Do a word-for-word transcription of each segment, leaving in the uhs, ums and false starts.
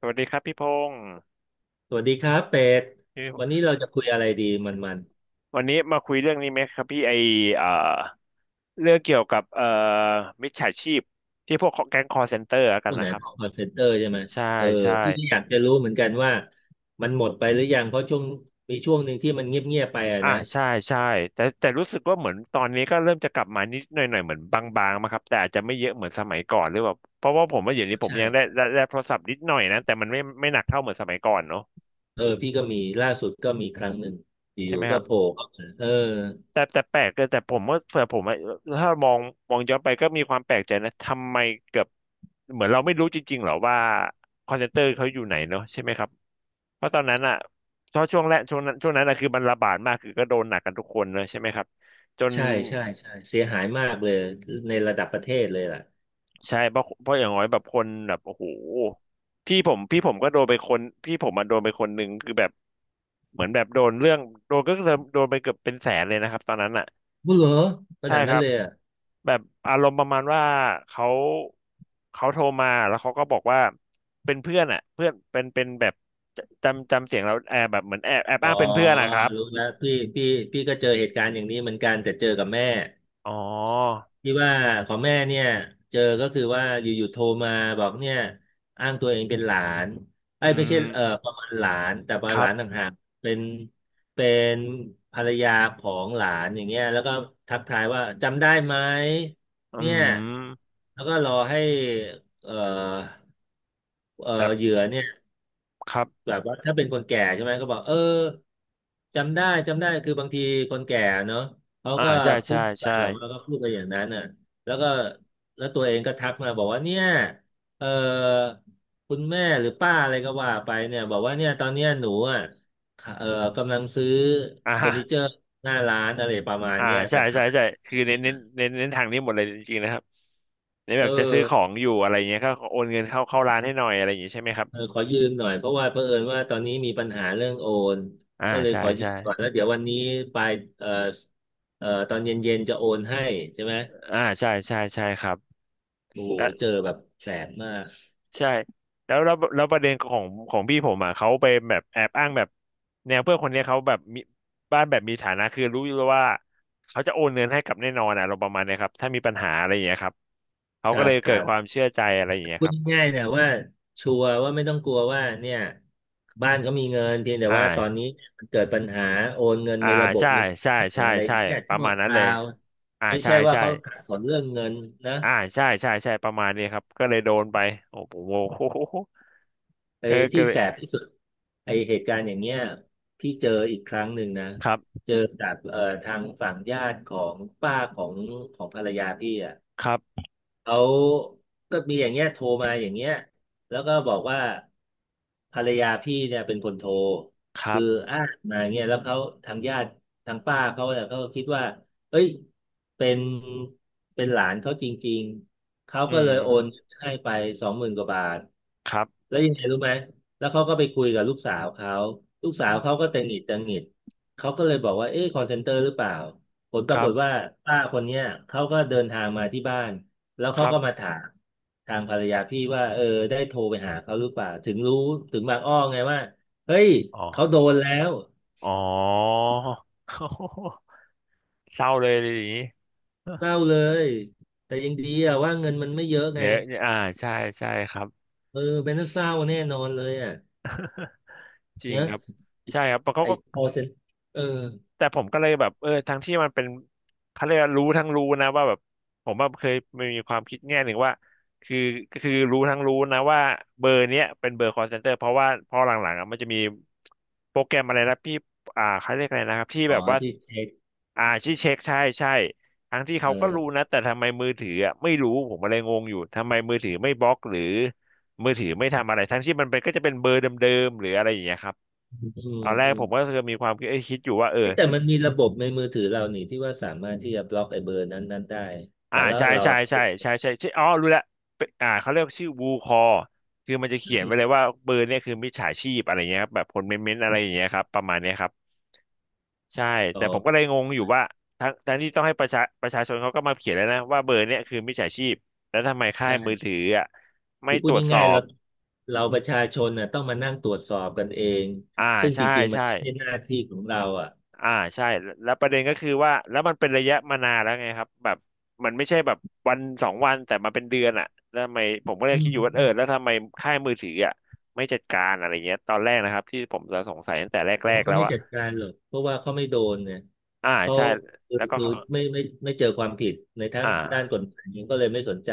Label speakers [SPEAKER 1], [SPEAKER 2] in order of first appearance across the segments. [SPEAKER 1] สวัสดีครับพี่พงศ์
[SPEAKER 2] สวัสดีครับเป็ด
[SPEAKER 1] พี่
[SPEAKER 2] วันนี้เราจะคุยอะไรดีมันมัน
[SPEAKER 1] วันนี้มาคุยเรื่องนี้ไหมครับพี่ไอเอ่อเรื่องเกี่ยวกับเอ่อมิจฉาชีพที่พวกแก๊งคอลเซ็นเตอร์กัน
[SPEAKER 2] ผู้ไหน
[SPEAKER 1] นะครับ
[SPEAKER 2] บอกคอนเซ็นเตอร์ใช่ไหม
[SPEAKER 1] ใช่
[SPEAKER 2] เออ
[SPEAKER 1] ใช่
[SPEAKER 2] พี่ก็อยากจะรู้เหมือนกันว่ามันหมดไปหรือยังเพราะช่วงมีช่วงหนึ่งที่มันเงียบเงียบไปอะ
[SPEAKER 1] อ่า
[SPEAKER 2] นะ
[SPEAKER 1] ใช่ใช่แต่แต่รู้สึกว่าเหมือนตอนนี้ก็เริ่มจะกลับมานิดหน่อยหน่อยเหมือนบางๆมาครับแต่อาจจะไม่เยอะเหมือนสมัยก่อนหรือแบบเพราะว่าผมว่าอย่างนี้ผม
[SPEAKER 2] ใช่
[SPEAKER 1] ยังได้
[SPEAKER 2] ใช่
[SPEAKER 1] ได้ได้โทรศัพท์นิดหน่อยนะแต่มันไม่ไม่หนักเท่าเหมือนสมัยก่อนเนาะ
[SPEAKER 2] เออพี่ก็มีล่าสุดก็มีครั้งหนึ่งอ
[SPEAKER 1] ใช่ไห
[SPEAKER 2] ยู่
[SPEAKER 1] ม
[SPEAKER 2] ๆ
[SPEAKER 1] ค
[SPEAKER 2] ก็
[SPEAKER 1] รับ
[SPEAKER 2] โผล่เข้ามาเออ
[SPEAKER 1] แต่แต่แปลกเลยแต่ผมก็เผื่ผมอะถ้ามองมองย้อนไปก็มีความแปลกใจนะทำไมเกือบเหมือนเราไม่รู้จริงๆหรอว่าคอนเซนเตอร์เขาอยู่ไหนเนาะใช่ไหมครับเพราะตอนนั้นอ่ะเพรางช่วงแรกช่วงนั้นช่วงนั้นอะคือมันระบาดมากคือก็โดนหนักกันทุกคนเลยใช่ไหมครับจน
[SPEAKER 2] ใช่ใช่ใช่เสียหายมากเลยในระดับประเทศเลยล่ะ
[SPEAKER 1] ใช่เพราะเพราะอย่างน้อยแบบคนแบบโอ้โหพี่ผมพี่ผมก็โดนไปคนพี่ผมมันโดนไปคนหนึ่งคือแบบเหมือนแบบโดนเรื่องโดนก็โดนโดนไปเกือบเป็นแสนเลยนะครับตอนนั้นอ่ะ
[SPEAKER 2] บุเหรอข
[SPEAKER 1] ใช่
[SPEAKER 2] นาด
[SPEAKER 1] ค
[SPEAKER 2] นั้น
[SPEAKER 1] รับ
[SPEAKER 2] เลยอะ
[SPEAKER 1] แบบอารมณ์ประมาณว่าเขาเขาโทรมาแล้วเขาก็บอกว่าเป็นเพื่อนอ่ะเพื่อนเป็นเป็นแบบจำจำเสียงเราแอบแบบเหมือนแอบแอบ
[SPEAKER 2] อ๋อ
[SPEAKER 1] อ้างเป็นเพื่อนนะครับ
[SPEAKER 2] รู้แล้วพี่พี่พี่ก็เจอเหตุการณ์อย่างนี้เหมือนกันแต่เจอกับแม่
[SPEAKER 1] อ๋อ
[SPEAKER 2] ที่ว่าของแม่เนี่ยเจอก็คือว่าอยู่ๆโทรมาบอกเนี่ยอ้างตัวเองเป็นหลานไอ้
[SPEAKER 1] อื
[SPEAKER 2] ยไม่ใช่เอ่อ
[SPEAKER 1] ม
[SPEAKER 2] ประมาณหลานแต่ประ
[SPEAKER 1] ค
[SPEAKER 2] มาณห
[SPEAKER 1] รั
[SPEAKER 2] ลาน
[SPEAKER 1] บ
[SPEAKER 2] ต่างหากเป็นเป็นภรรยาของหลานอย่างเงี้ยแล้วก็ทักทายว่าจำได้ไหม
[SPEAKER 1] อื
[SPEAKER 2] เนี่ย
[SPEAKER 1] ม
[SPEAKER 2] แล้วก็รอให้เอ่อเอ่อ
[SPEAKER 1] แบบ
[SPEAKER 2] เหยื่อเนี่ย
[SPEAKER 1] ครับ
[SPEAKER 2] แบบว่าถ้าเป็นคนแก่ใช่ไหมก็บอกเออจำได้จำได้คือบางทีคนแก่เนอะเขา
[SPEAKER 1] อ่า
[SPEAKER 2] ก็
[SPEAKER 1] ใช่
[SPEAKER 2] พู
[SPEAKER 1] ใช่
[SPEAKER 2] ดไป
[SPEAKER 1] ใช่
[SPEAKER 2] แบบว่าก็พูดไปอย่างนั้นน่ะแล้วก็แล้วตัวเองก็ทักมาบอกว่าเนี่ยเออคุณแม่หรือป้าอะไรก็ว่าไปเนี่ยบอกว่าเนี่ยตอนเนี้ยหนูอ่ะค่ะเออกำลังซื้อ
[SPEAKER 1] อ่า
[SPEAKER 2] เฟอ
[SPEAKER 1] ฮะ
[SPEAKER 2] ร์นิเจอร์หน้าร้านอะไรประมาณ
[SPEAKER 1] อ่า
[SPEAKER 2] เนี้ย
[SPEAKER 1] ใช่
[SPEAKER 2] แต่
[SPEAKER 1] ใช่
[SPEAKER 2] ขาด
[SPEAKER 1] ใช่คือเน้
[SPEAKER 2] เนี่
[SPEAKER 1] น
[SPEAKER 2] ย
[SPEAKER 1] เน้นเน้นเน้นทางนี้หมดเลยจริงๆนะครับเน้น
[SPEAKER 2] เอ
[SPEAKER 1] แบ
[SPEAKER 2] อ
[SPEAKER 1] บจะซื้อของอยู่อะไรเงี้ยก็โอนเงินเข้าเข้าร้านให้หน่อยอะไรอย่างงี้ใช่ไหมครับ
[SPEAKER 2] เออขอยืมหน่อยเพราะว่าเผอิญว่าตอนนี้มีปัญหาเรื่องโอน
[SPEAKER 1] อ่า
[SPEAKER 2] ก็เลย
[SPEAKER 1] ใช่
[SPEAKER 2] ขอยื
[SPEAKER 1] ใช่
[SPEAKER 2] มก่อนแล้วเดี๋ยววันนี้ปลายเอ่อเอ่อตอนเย็นๆจะโอนให้ใช่ไหม
[SPEAKER 1] อ่าใช่ใช่ใช่ครับ
[SPEAKER 2] โอ้โห
[SPEAKER 1] และ
[SPEAKER 2] เจอแบบแสบมาก
[SPEAKER 1] ใช่แล้วแล้วแล้วประเด็นของของพี่ผมอ่ะเขาไปแบบแอบอ้างแบบแนวเพื่อนคนเนี้ยเขาแบบมีบ้านแบบมีฐานะคือรู้อยู่แล้วว่าเขาจะโอนเงินให้กับแน่นอนอ่ะเราประมาณเนี้ยครับถ้ามีปัญหาอะไรอย่างเงี้ยครับเขา
[SPEAKER 2] ครั
[SPEAKER 1] ก็เล
[SPEAKER 2] บ
[SPEAKER 1] ย
[SPEAKER 2] ค
[SPEAKER 1] เกิ
[SPEAKER 2] รั
[SPEAKER 1] ดความ
[SPEAKER 2] บ
[SPEAKER 1] เชื่อใจอะไรอย่างเงี้ย
[SPEAKER 2] พู
[SPEAKER 1] ค
[SPEAKER 2] ด
[SPEAKER 1] รับ
[SPEAKER 2] ง่ายๆเนี่ยว่าชัวร์ว่าไม่ต้องกลัวว่าเนี่ยบ้านเขามีเงินเพียงแต่
[SPEAKER 1] อ่า
[SPEAKER 2] ว่าตอนนี้มันเกิดปัญหาโอนเงิน
[SPEAKER 1] อ่า
[SPEAKER 2] ในระบบ
[SPEAKER 1] ใช่
[SPEAKER 2] มัน
[SPEAKER 1] ใช่
[SPEAKER 2] ได้
[SPEAKER 1] ใช่
[SPEAKER 2] อะไร
[SPEAKER 1] ใช่
[SPEAKER 2] เนี่ย
[SPEAKER 1] ประ
[SPEAKER 2] ชั่ว
[SPEAKER 1] มาณ
[SPEAKER 2] ค
[SPEAKER 1] นั้นเล
[SPEAKER 2] รา
[SPEAKER 1] ย
[SPEAKER 2] ว
[SPEAKER 1] อ่า
[SPEAKER 2] ไม่
[SPEAKER 1] ใช่
[SPEAKER 2] ใช่ว่า
[SPEAKER 1] ใช่
[SPEAKER 2] เขาขัดสนเรื่องเงินนะ
[SPEAKER 1] อ่าใช่ใช่ใช่ประมาณนี้ครับก็เลยโดนไปโอ้โห โอ้โห
[SPEAKER 2] ไอ้
[SPEAKER 1] ก็ก็
[SPEAKER 2] ที่
[SPEAKER 1] เล
[SPEAKER 2] แส
[SPEAKER 1] ย
[SPEAKER 2] บที่สุดไอ้เหตุการณ์อย่างเงี้ยพี่เจออีกครั้งหนึ่งนะ
[SPEAKER 1] ครับ
[SPEAKER 2] เจอจากเอ่อทางฝั่งญาติของป้าของของภรรยาพี่อ่ะ
[SPEAKER 1] ครับ
[SPEAKER 2] เขาก็มีอย่างเงี้ยโทรมาอย่างเงี้ยแล้วก็บอกว่า ภรรยาพี่เนี่ยเป็นคนโทร
[SPEAKER 1] ครั
[SPEAKER 2] คือ
[SPEAKER 1] บ
[SPEAKER 2] อ้างมาเงี้ยแล้วเขาทางญาติทางป้าเขาเนี่ยเขาก็คิดว่าเอ้ยเป็นเป็นหลานเขาจริงๆเขา
[SPEAKER 1] อื
[SPEAKER 2] ก็เล
[SPEAKER 1] ม
[SPEAKER 2] ยโอนให้ไปสองหมื่นกว่าบาท
[SPEAKER 1] ครับ
[SPEAKER 2] แล้วยังไงรู้ไหมแล้วเขาก็ไปคุยกับลูกสาวเขาลูก
[SPEAKER 1] ค
[SPEAKER 2] สาว
[SPEAKER 1] รั
[SPEAKER 2] เขา
[SPEAKER 1] บ
[SPEAKER 2] ก็ตังหงิดตังหงิดเขาก็เลยบอกว่าเอ๊ะคอลเซ็นเตอร์หรือเปล่าผลป
[SPEAKER 1] ค
[SPEAKER 2] รา
[SPEAKER 1] รั
[SPEAKER 2] ก
[SPEAKER 1] บ
[SPEAKER 2] ฏว่าป้าคนเนี้ยเขาก็เดินทางมาที่บ้าน แล้ว
[SPEAKER 1] ค
[SPEAKER 2] เขา
[SPEAKER 1] รั
[SPEAKER 2] ก็มา
[SPEAKER 1] บ
[SPEAKER 2] ถามทางภรรยาพี่ว่าเออได้โทรไปหาเขาหรือเปล่าถึงรู้ถึงบางอ้อไงว่าเฮ้ย
[SPEAKER 1] อ๋
[SPEAKER 2] เขาโด
[SPEAKER 1] อ
[SPEAKER 2] นแล้ว
[SPEAKER 1] อ๋อ เศร้าเลยเลยอย่างนี้
[SPEAKER 2] เศร้าเลยแต่ยังดีอะว่าเงินมันไม่เยอะไง
[SPEAKER 1] เดี๋ยวอ่าใช่ใช่ครับ
[SPEAKER 2] เออเป็นเศร้าแน่นอนเลยอ่ะ
[SPEAKER 1] จริ
[SPEAKER 2] เน
[SPEAKER 1] ง
[SPEAKER 2] อะ
[SPEAKER 1] ครับใช่ครับเพราะเขา
[SPEAKER 2] ไอ้
[SPEAKER 1] ก็
[SPEAKER 2] call c e n r เออ
[SPEAKER 1] แต่ผมก็เลยแบบเออทั้งที่มันเป็นเขาเรียกว่ารู้ทั้งรู้นะว่าแบบผมว่เคยมีความคิดแง่หนึ่งว่าคือ็คือรู้ทั้งรู้นะว่าเบอร์เนี้ยเป็นเบอร์ call center เพราะว่าพอหลังๆอะมันจะมีโปรแกรมอะไรนะพี่อ่าเขาเรียกอะไรนะครับที่
[SPEAKER 2] อ๋
[SPEAKER 1] แบ
[SPEAKER 2] อ
[SPEAKER 1] บว่า
[SPEAKER 2] ที่เช็ค
[SPEAKER 1] อ่าที่เช็คใช่ใช่ทั้งที่
[SPEAKER 2] เ
[SPEAKER 1] เขาก็รู้
[SPEAKER 2] ออ
[SPEAKER 1] นะแต่ทำไมมือถืออ่ะไม่รู้ผมอะไรงงอยู่ทำไมมือถือไม่บล็อกหรือมือถือไม่ทำอะไรทั้งที่มันเป็นก็จะเป็นเบอร์เดิมๆหรืออะไรอย่างเงี้ยครับ
[SPEAKER 2] อืม
[SPEAKER 1] ตอนแร
[SPEAKER 2] อื
[SPEAKER 1] กผมก็
[SPEAKER 2] ม
[SPEAKER 1] คือมีความคิดเอ้ยคิดอยู่ว่าเออ
[SPEAKER 2] เอ๊ะแต่มันมีระบบในมือถือเรานี่ที่ว่าสามารถที่จะบล็อกไอ้เบอร์นั้นนั้นได้
[SPEAKER 1] อ่า
[SPEAKER 2] แต่แลว
[SPEAKER 1] ใช่
[SPEAKER 2] เรา
[SPEAKER 1] ใช่ใช่ใช่ใช่ใช่อ๋อรู้แล้วเป็นอ่าเขาเรียกชื่อวูคอคือมันจะเขียนไว้เลยว่าเบอร์เนี่ยคือมิจฉาชีพอะไรเงี้ยครับแบบคนเม้นๆอะไรอย่างเงี้ยครับประมาณเนี้ยครับใช่
[SPEAKER 2] อ๋อ
[SPEAKER 1] แต่ผมก็เลยงงอยู่ว่าทั้งทั้งที่ต้องให้ประชาประชาชนเขาก็มาเขียนแล้วนะว่าเบอร์เนี้ยคือมิจฉาชีพแล้วทำไมค่าย
[SPEAKER 2] ใช่
[SPEAKER 1] มือถืออ่ะไม่
[SPEAKER 2] คือพู
[SPEAKER 1] ต
[SPEAKER 2] ด
[SPEAKER 1] รวจสอ
[SPEAKER 2] ง่ายๆ
[SPEAKER 1] บ
[SPEAKER 2] เราเราประชาชนน่ะต้องมานั่งตรวจสอบกันเอง
[SPEAKER 1] อ่า
[SPEAKER 2] ซึ่งจ
[SPEAKER 1] ใช่
[SPEAKER 2] ริงๆมัน
[SPEAKER 1] ใช่
[SPEAKER 2] ไม่ใช่หน้าที่ของเราอ่ะ
[SPEAKER 1] อ่าใช่แล้วแล้วประเด็นก็คือว่าแล้วมันเป็นระยะมานานแล้วไงครับแบบมันไม่ใช่แบบวันสองวันแต่มาเป็นเดือนอ่ะแล้วทำไมผมก็เลย
[SPEAKER 2] อื
[SPEAKER 1] คิ
[SPEAKER 2] ม
[SPEAKER 1] ดอยู่ว่า
[SPEAKER 2] อื
[SPEAKER 1] เออ
[SPEAKER 2] ม
[SPEAKER 1] แล้วทำไมค่ายมือถืออ่ะไม่จัดการอะไรเงี้ยตอนแรกนะครับที่ผมจะสงสัยตั้งแต่
[SPEAKER 2] ผ
[SPEAKER 1] แร
[SPEAKER 2] ม
[SPEAKER 1] กๆ
[SPEAKER 2] เขา
[SPEAKER 1] แล้ว
[SPEAKER 2] ไม่
[SPEAKER 1] ว่า
[SPEAKER 2] จัดการหรอกเพราะว่าเขาไม่โดนเนี่ย
[SPEAKER 1] อ่า
[SPEAKER 2] เขา
[SPEAKER 1] ใช่
[SPEAKER 2] คือ
[SPEAKER 1] แล้วก็
[SPEAKER 2] คือ
[SPEAKER 1] เขา
[SPEAKER 2] ไม่ไม่ไม่เจอความผิดในทั้งด้าน
[SPEAKER 1] อ่า
[SPEAKER 2] กฎหมายก็เลยไม่สนใจ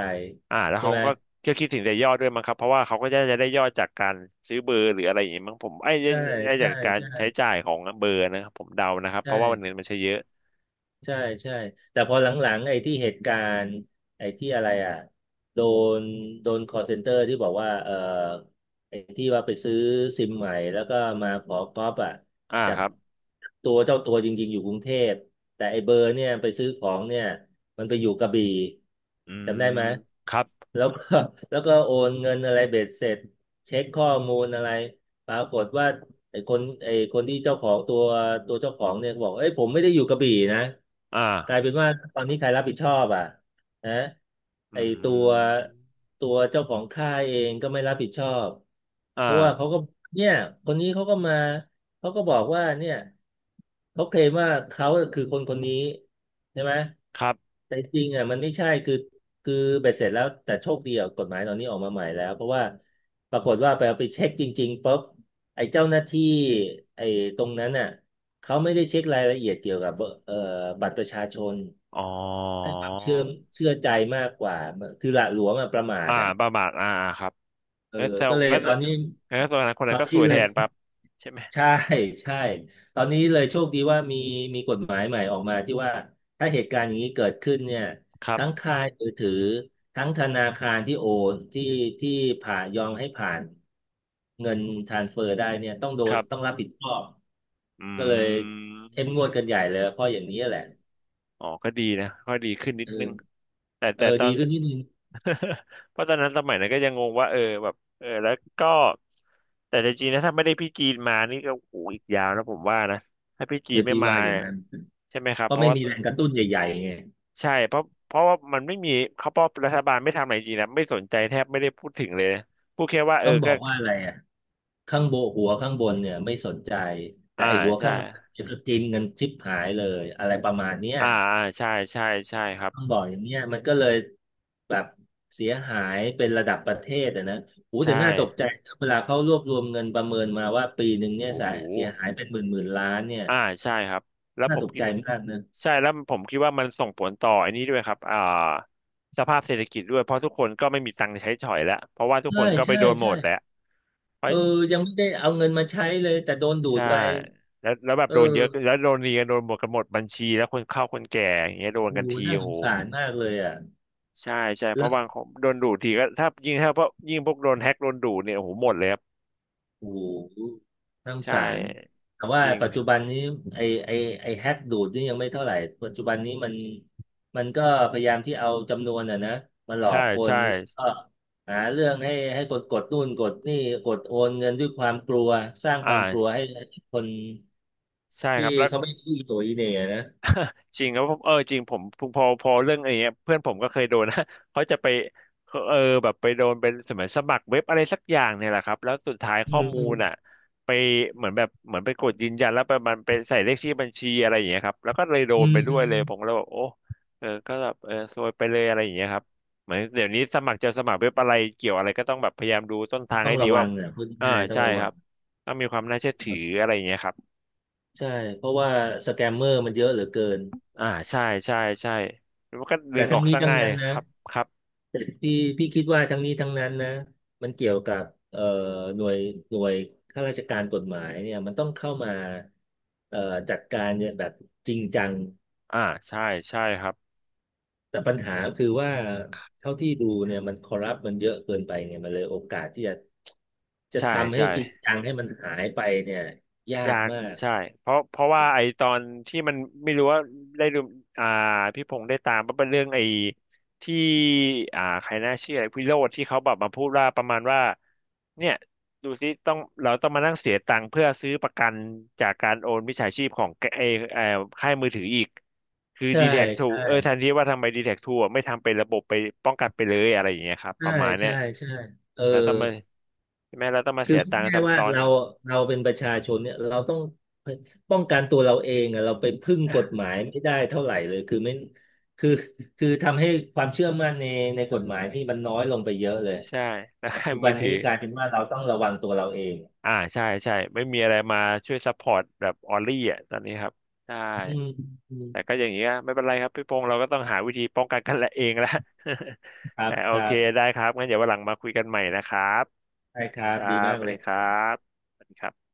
[SPEAKER 1] อ่าแล้ว
[SPEAKER 2] ใช่
[SPEAKER 1] เขา
[SPEAKER 2] ไหม
[SPEAKER 1] ก็ก็คิดถึงแต่ยอดด้วยมั้งครับเพราะว่าเขาก็จะจะได้ยอดจากการซื้อเบอร์หรืออะไรอย่างงี้มั้งผมไอ้ไอ้
[SPEAKER 2] ใช่
[SPEAKER 1] ไอ้จา
[SPEAKER 2] ใช่
[SPEAKER 1] กการ
[SPEAKER 2] ใช่
[SPEAKER 1] ใช้จ่ายของเบอร์นะครับผมเดานะครับ
[SPEAKER 2] ใ
[SPEAKER 1] เพราะว่าวันนึง
[SPEAKER 2] ช่
[SPEAKER 1] มันใช้เยอะ
[SPEAKER 2] ใช่ใช่แต่พอหลังๆไอ้ที่เหตุการณ์ไอ้ที่อะไรอ่ะโดนโดน call center ที่บอกว่าเออไอ้ที่ว่าไปซื้อซิมใหม่แล้วก็มาขอก๊อปอ่ะ
[SPEAKER 1] อ่า
[SPEAKER 2] จา
[SPEAKER 1] ค
[SPEAKER 2] ก
[SPEAKER 1] รับ
[SPEAKER 2] ตัวเจ้าตัวจริงๆอยู่กรุงเทพแต่ไอ้เบอร์เนี่ยไปซื้อของเนี่ยมันไปอยู่กระบี่
[SPEAKER 1] อื
[SPEAKER 2] จำได้
[SPEAKER 1] ม
[SPEAKER 2] ไหม
[SPEAKER 1] ครับ
[SPEAKER 2] แล้วก็แล้วก็โอนเงินอะไรเบ็ดเสร็จเช็คข้อมูลอะไรปรากฏว่า ไอ้คนไอ้คนที่เจ้าของตัวตัวเจ้าของเนี่ยบอกเอ้ยผมไม่ได้อยู่กระบี่นะกลาย
[SPEAKER 1] อ่า
[SPEAKER 2] เป็นว่าตอนนี้ใครรับผิดชอบอ่ะนะ
[SPEAKER 1] อื
[SPEAKER 2] ไอ้ตัว
[SPEAKER 1] ม
[SPEAKER 2] ตัวเจ้าของค่ายเองก็ไม่รับผิดชอบ
[SPEAKER 1] อ่
[SPEAKER 2] เพราะว่าเขา
[SPEAKER 1] า
[SPEAKER 2] ก็เนี่ยคนนี้เขาก็มาเขาก็บอกว่าเนี่ยเขาเคลมว่าเขาคือคนคนนี้ใช่ไหม
[SPEAKER 1] ครับ
[SPEAKER 2] แต่จริงอ่ะมันไม่ใช่คือคือเบ็ดเสร็จแล้วแต่โชคดีอ่ะกฎหมายตอนนี้ออกมาใหม่แล้วเพราะว่าปรากฏว่าไปเอาไปเช็คจริงๆปุ๊บ ไอ้เจ้าหน้าที่ไอ้ตรงนั้นน่ะเขาไม่ได้เช็ครายละเอียดเกี่ยวกับเอ่อบัตรประชาชน
[SPEAKER 1] อ๋อ
[SPEAKER 2] ให้ความเชื่อเชื่อใจมากกว่าคือหละหลวมอะประมาท
[SPEAKER 1] อ่า
[SPEAKER 2] อ่ะ
[SPEAKER 1] ประมาทอ่าอ่า ครับ
[SPEAKER 2] เออ
[SPEAKER 1] งั้นแซว
[SPEAKER 2] ก็เลย
[SPEAKER 1] งั้น
[SPEAKER 2] ตอนนี้
[SPEAKER 1] งั้นแสดงคน
[SPEAKER 2] ต
[SPEAKER 1] นั้
[SPEAKER 2] อ
[SPEAKER 1] น
[SPEAKER 2] น
[SPEAKER 1] ก็ส
[SPEAKER 2] นี้
[SPEAKER 1] วย
[SPEAKER 2] เล
[SPEAKER 1] แท
[SPEAKER 2] ย
[SPEAKER 1] นปั๊บใช่ไหม
[SPEAKER 2] ใช่ใช่ตอนนี้เลยโชคดีว่ามีมีกฎหมายใหม่ออกมาที่ว่าถ้าเหตุการณ์อย่างนี้เกิดขึ้นเนี่ย
[SPEAKER 1] ครั
[SPEAKER 2] ทั้ง
[SPEAKER 1] บ
[SPEAKER 2] ค่ายมือถือทั้งธนาคารที่โอนที่ที่ผ่านยอมให้ผ่านเงินทรานสเฟอร์ได้เนี่ยต้องโด
[SPEAKER 1] ค
[SPEAKER 2] น
[SPEAKER 1] รั
[SPEAKER 2] ต้อง
[SPEAKER 1] บ
[SPEAKER 2] รับผิดชอบ ก็เลย
[SPEAKER 1] อื
[SPEAKER 2] เข้มงวด
[SPEAKER 1] ม
[SPEAKER 2] กันใหญ่เลยเพราะอย่างนี้แหละ
[SPEAKER 1] อ๋อก็ดีนะก็ดีขึ้นนิด
[SPEAKER 2] เอ
[SPEAKER 1] นึง
[SPEAKER 2] อ
[SPEAKER 1] แต่
[SPEAKER 2] เออ
[SPEAKER 1] แต่ตอ
[SPEAKER 2] ดี
[SPEAKER 1] น
[SPEAKER 2] ขึ้นนิดนึง
[SPEAKER 1] เพราะตอนนั้นสมัยนั้นก็ยังงงว่าเออแบบเออแล้วก็ แต่จริงๆนะถ้าไม่ได้พี่จีนมานี่ก็โอ้โหอีกยาวนะผมว่านะถ้าพี่จี
[SPEAKER 2] เดี๋
[SPEAKER 1] น
[SPEAKER 2] ยว
[SPEAKER 1] ไม่
[SPEAKER 2] พี่
[SPEAKER 1] มา
[SPEAKER 2] ว่าอย่า
[SPEAKER 1] เนี่
[SPEAKER 2] ง
[SPEAKER 1] ย
[SPEAKER 2] นั้น
[SPEAKER 1] ใช่ไหมครั
[SPEAKER 2] เพ
[SPEAKER 1] บเพ
[SPEAKER 2] ราะ
[SPEAKER 1] ราะ
[SPEAKER 2] ไม่
[SPEAKER 1] ว่า
[SPEAKER 2] มีแรงกระตุ้นใหญ่ๆไง
[SPEAKER 1] ใช่เพราะเพราะว่ามันไม่มีเขาเพราะรัฐบาลไม่ทำอะไรจริงนะไม่สนใจแทบไม่ได้พูดถึงเลยพูดแค่ว่าเอ
[SPEAKER 2] ต้
[SPEAKER 1] อ
[SPEAKER 2] องบ
[SPEAKER 1] ก็
[SPEAKER 2] อกว่าอะไรอ่ะข้างบนหัวข้างบนเนี่ยไม่สนใจแต่
[SPEAKER 1] อ่า
[SPEAKER 2] ไอหัว
[SPEAKER 1] ใช่
[SPEAKER 2] ข้างล่างเนี่ยก็กินกันชิบหายเลยอะไรประมาณเนี้ย
[SPEAKER 1] อ่าอ่าใช่ใช่ใช่ครับ
[SPEAKER 2] ต้องบอกอย่างเนี้ยมันก็เลยแบบเสียหายเป็นระดับประเทศอะนะโอ้
[SPEAKER 1] ใช
[SPEAKER 2] แต่น่าตกใจ
[SPEAKER 1] ่
[SPEAKER 2] นะเวลาเขารวบรวมเงินประเมินมาว่าปีหนึ่งเนี่ย
[SPEAKER 1] โอ้
[SPEAKER 2] เ
[SPEAKER 1] โห
[SPEAKER 2] สียหายเป็นหมื่นหมื่นล้านเนี่ย
[SPEAKER 1] อ่าใช่ครับแล้ว
[SPEAKER 2] น่า
[SPEAKER 1] ผม
[SPEAKER 2] ตก
[SPEAKER 1] คิ
[SPEAKER 2] ใจ
[SPEAKER 1] ด
[SPEAKER 2] มากนะ
[SPEAKER 1] ใช่แล้วผมคิดว่ามันส่งผลต่ออันนี้ด้วยครับอ่าสภาพเศรษฐกิจด้วยเพราะทุกคนก็ไม่มีตังค์ใช้จ่อยแล้วเพราะว่าทุกค
[SPEAKER 2] ใช่
[SPEAKER 1] นก็ไป
[SPEAKER 2] ใช่
[SPEAKER 1] โดนหม
[SPEAKER 2] ใช่
[SPEAKER 1] ดแล้วเพราะ
[SPEAKER 2] เออยังไม่ได้เอาเงินมาใช้เลย แต่โดนดูด
[SPEAKER 1] ใช่
[SPEAKER 2] ไป
[SPEAKER 1] แล้วแล้วแบบ
[SPEAKER 2] เออ
[SPEAKER 1] โดนเยอะแล้วโดนเรียนโดนหมดกันหมดบัญชีแล้วคนเข้าคนแก่อย่างเงี้ยโดน
[SPEAKER 2] โอ้
[SPEAKER 1] กัน
[SPEAKER 2] โห
[SPEAKER 1] ที
[SPEAKER 2] น่า
[SPEAKER 1] โอ้
[SPEAKER 2] ส
[SPEAKER 1] โห
[SPEAKER 2] งสารมากเลยอ่ะ
[SPEAKER 1] ใช่ใช่เพ
[SPEAKER 2] แล้
[SPEAKER 1] ราะ
[SPEAKER 2] ว
[SPEAKER 1] บางคนโดนดูทีก็ถ้ายิ่งถ้าพวกยิ่งพวกโดนแฮ็กโดนดูเนี่ยโอ้โหหมดเลยครับ
[SPEAKER 2] โอ้โหน่าสง
[SPEAKER 1] ใช่
[SPEAKER 2] สาร แต่ว่า
[SPEAKER 1] จริง
[SPEAKER 2] ปัจจุบันนี้ไอไอไอแฮกดูดนี่ยังไม่เท่าไหร่ปัจจุบันนี้มันมันก็พยายามที่เอาจำนวนอ่ะนะมาหลอ
[SPEAKER 1] ใช่
[SPEAKER 2] กค
[SPEAKER 1] ใช่
[SPEAKER 2] นแล้วก็หาเรื่องให้ให้กดกดนู่นกดนี่กดโอนเงินด้วยความกลัวสร้าง
[SPEAKER 1] อ่
[SPEAKER 2] ความก
[SPEAKER 1] า
[SPEAKER 2] ลัวให้คน
[SPEAKER 1] ใช่
[SPEAKER 2] ที่
[SPEAKER 1] ครับแล้ว
[SPEAKER 2] เขาไม่รู้อีโหนอีเหน่นะ
[SPEAKER 1] จริงแล้วผมเออจริงผมพอพอเรื่องอะไรเงี้ยเพื่อนผมก็เคยโดนนะ เขาจะไปเออแบบไปโดนเป็นสมัยสมัครเว็บอะไรสักอย่างเนี่ยแหละครับแล้วสุดท้าย
[SPEAKER 2] อื
[SPEAKER 1] ข้อ
[SPEAKER 2] ม
[SPEAKER 1] มู
[SPEAKER 2] อืม
[SPEAKER 1] ลอ่ะไปเหมือนแบบเหมือนไปกดยืนยันแล้วไปมันไปใส่เลขที่บัญชีอะไรอย่างเงี้ยครับแล้วก็เลยโด
[SPEAKER 2] อื
[SPEAKER 1] น
[SPEAKER 2] ม
[SPEAKER 1] ไปด้
[SPEAKER 2] อื
[SPEAKER 1] วย
[SPEAKER 2] ม
[SPEAKER 1] เลยผมก็เลยบอกโอ้เออก็แบบเออซวยไปเลยอะไรอย่างเงี้ยครับเหมือนเดี๋ยวนี้สมัครจะสมัครเว็บอะไรเกี่ยวอะไรก็ต้องแบบพยายามดูต้นทาง
[SPEAKER 2] ต้อ
[SPEAKER 1] ให้
[SPEAKER 2] ง
[SPEAKER 1] ดี
[SPEAKER 2] ระวั
[SPEAKER 1] ว่า
[SPEAKER 2] งแหละพูด
[SPEAKER 1] อ่า
[SPEAKER 2] ง่ายๆต้อง
[SPEAKER 1] ใช่
[SPEAKER 2] ระ
[SPEAKER 1] ค
[SPEAKER 2] วั
[SPEAKER 1] รั
[SPEAKER 2] ง
[SPEAKER 1] บต้องมีความน่าเชื่อถื
[SPEAKER 2] ค
[SPEAKER 1] อ
[SPEAKER 2] รับ
[SPEAKER 1] อะไรอย่างเงี้ยครับ
[SPEAKER 2] ใช่เพราะว่าสแกมเมอร์มันเยอะเหลือเกิน
[SPEAKER 1] อ่าใช่ใช่ใช่แล้วมันก็ดึ
[SPEAKER 2] แต่
[SPEAKER 1] งอ
[SPEAKER 2] ทั้
[SPEAKER 1] อ
[SPEAKER 2] ง
[SPEAKER 1] ก
[SPEAKER 2] นี้
[SPEAKER 1] ซะ
[SPEAKER 2] ทั้ง
[SPEAKER 1] ง่าย
[SPEAKER 2] นั้นนะ
[SPEAKER 1] ครับครับ
[SPEAKER 2] พี่พี่คิดว่าทั้งนี้ทั้งนั้นนะมันเกี่ยวกับเอ่อหน่วยหน่วยข้าราชการกฎหมายเนี่ยมันต้องเข้ามาเอ่อจัดการเนี่ยแบบจริงจัง
[SPEAKER 1] อ่าใช่ใช่ครับ
[SPEAKER 2] แต่ปัญหาคือว่าเท่าที่ดูเนี่ยมันคอร์รัปมันเยอะเกินไปไงมันเลยโอกาสที่จะจะ
[SPEAKER 1] ใช่
[SPEAKER 2] ทำให้
[SPEAKER 1] ใช่
[SPEAKER 2] จริงจังให้มันหายไปเนี่ยยา
[SPEAKER 1] ยา
[SPEAKER 2] ก
[SPEAKER 1] ก
[SPEAKER 2] มาก
[SPEAKER 1] ใช่เพราะเพราะว่าไอตอนที่มันไม่รู้ว่าได้ดูอ่าพี่พงษ์ได้ตามว่าเป็นเรื่องไอที่อ่าใครน่าเชื่อไอ้วิโรจน์ที่เขาแบบมาพูดว่าประมาณว่าเนี่ยดูซิต้องเราต้องมานั่งเสียตังค์เพื่อซื้อประกันจากการโอนมิจฉาชีพของไอไออค่ายมือถืออีกคือ
[SPEAKER 2] ใช่
[SPEAKER 1] ดีแท็กทู
[SPEAKER 2] ใช่
[SPEAKER 1] เออแทนที่ว่าทำไมดีแท็กทูไม่ทำเป็นระบบไปป้องกันไปเลยอะไรอย่างเงี้ยครับป
[SPEAKER 2] ใช่
[SPEAKER 1] ระมาณเนี้
[SPEAKER 2] ใช่
[SPEAKER 1] ย
[SPEAKER 2] ใช่เออ
[SPEAKER 1] แล้วต้องมาใช่ไหมเราต้องมา
[SPEAKER 2] คือ
[SPEAKER 1] เสีย
[SPEAKER 2] พูด
[SPEAKER 1] ตังค์
[SPEAKER 2] ง่ายว่า
[SPEAKER 1] ซ้ำซ้อน
[SPEAKER 2] เรา
[SPEAKER 1] อีก
[SPEAKER 2] เราเป็นประชาชนเนี่ยเราต้องป้องกันตัวเราเองอะเราไปพึ่งกฎหมายไม่ได้เท่าไหร่เลยคือไม่คือคือทำให้ความเชื่อมั่นในในกฎหมายพี่มันน้อยลงไปเยอะเลย
[SPEAKER 1] ใช่แล้ว
[SPEAKER 2] ปัจ
[SPEAKER 1] ค่าย
[SPEAKER 2] จุบั
[SPEAKER 1] มือ
[SPEAKER 2] น
[SPEAKER 1] ถื
[SPEAKER 2] นี้
[SPEAKER 1] อ
[SPEAKER 2] กลายเป็นว่าเราต้องระวังตัวเราเอง
[SPEAKER 1] อ่าใช่ใช่ไม่มีอะไรมาช่วยซัพพอร์ตแบบออลลี่อ่ะตอนนี้ครับใช่
[SPEAKER 2] อืมอืม
[SPEAKER 1] แต่ก็อย่างนี้ก็ไม่เป็นไรครับพี่พงษ์เราก็ต้องหาวิธีป้องกันกันและเองละ
[SPEAKER 2] ค รั
[SPEAKER 1] แต่
[SPEAKER 2] บ
[SPEAKER 1] โอ
[SPEAKER 2] ครั
[SPEAKER 1] เค
[SPEAKER 2] บ
[SPEAKER 1] ได้ครับงั้นเดี๋ยววันหลังมาคุยกันใหม่นะครับ
[SPEAKER 2] ใช่ครั
[SPEAKER 1] ค
[SPEAKER 2] บ
[SPEAKER 1] รั
[SPEAKER 2] ดี
[SPEAKER 1] บ
[SPEAKER 2] มาก
[SPEAKER 1] สวัส
[SPEAKER 2] เลย
[SPEAKER 1] ดีครับสวัสดีครับ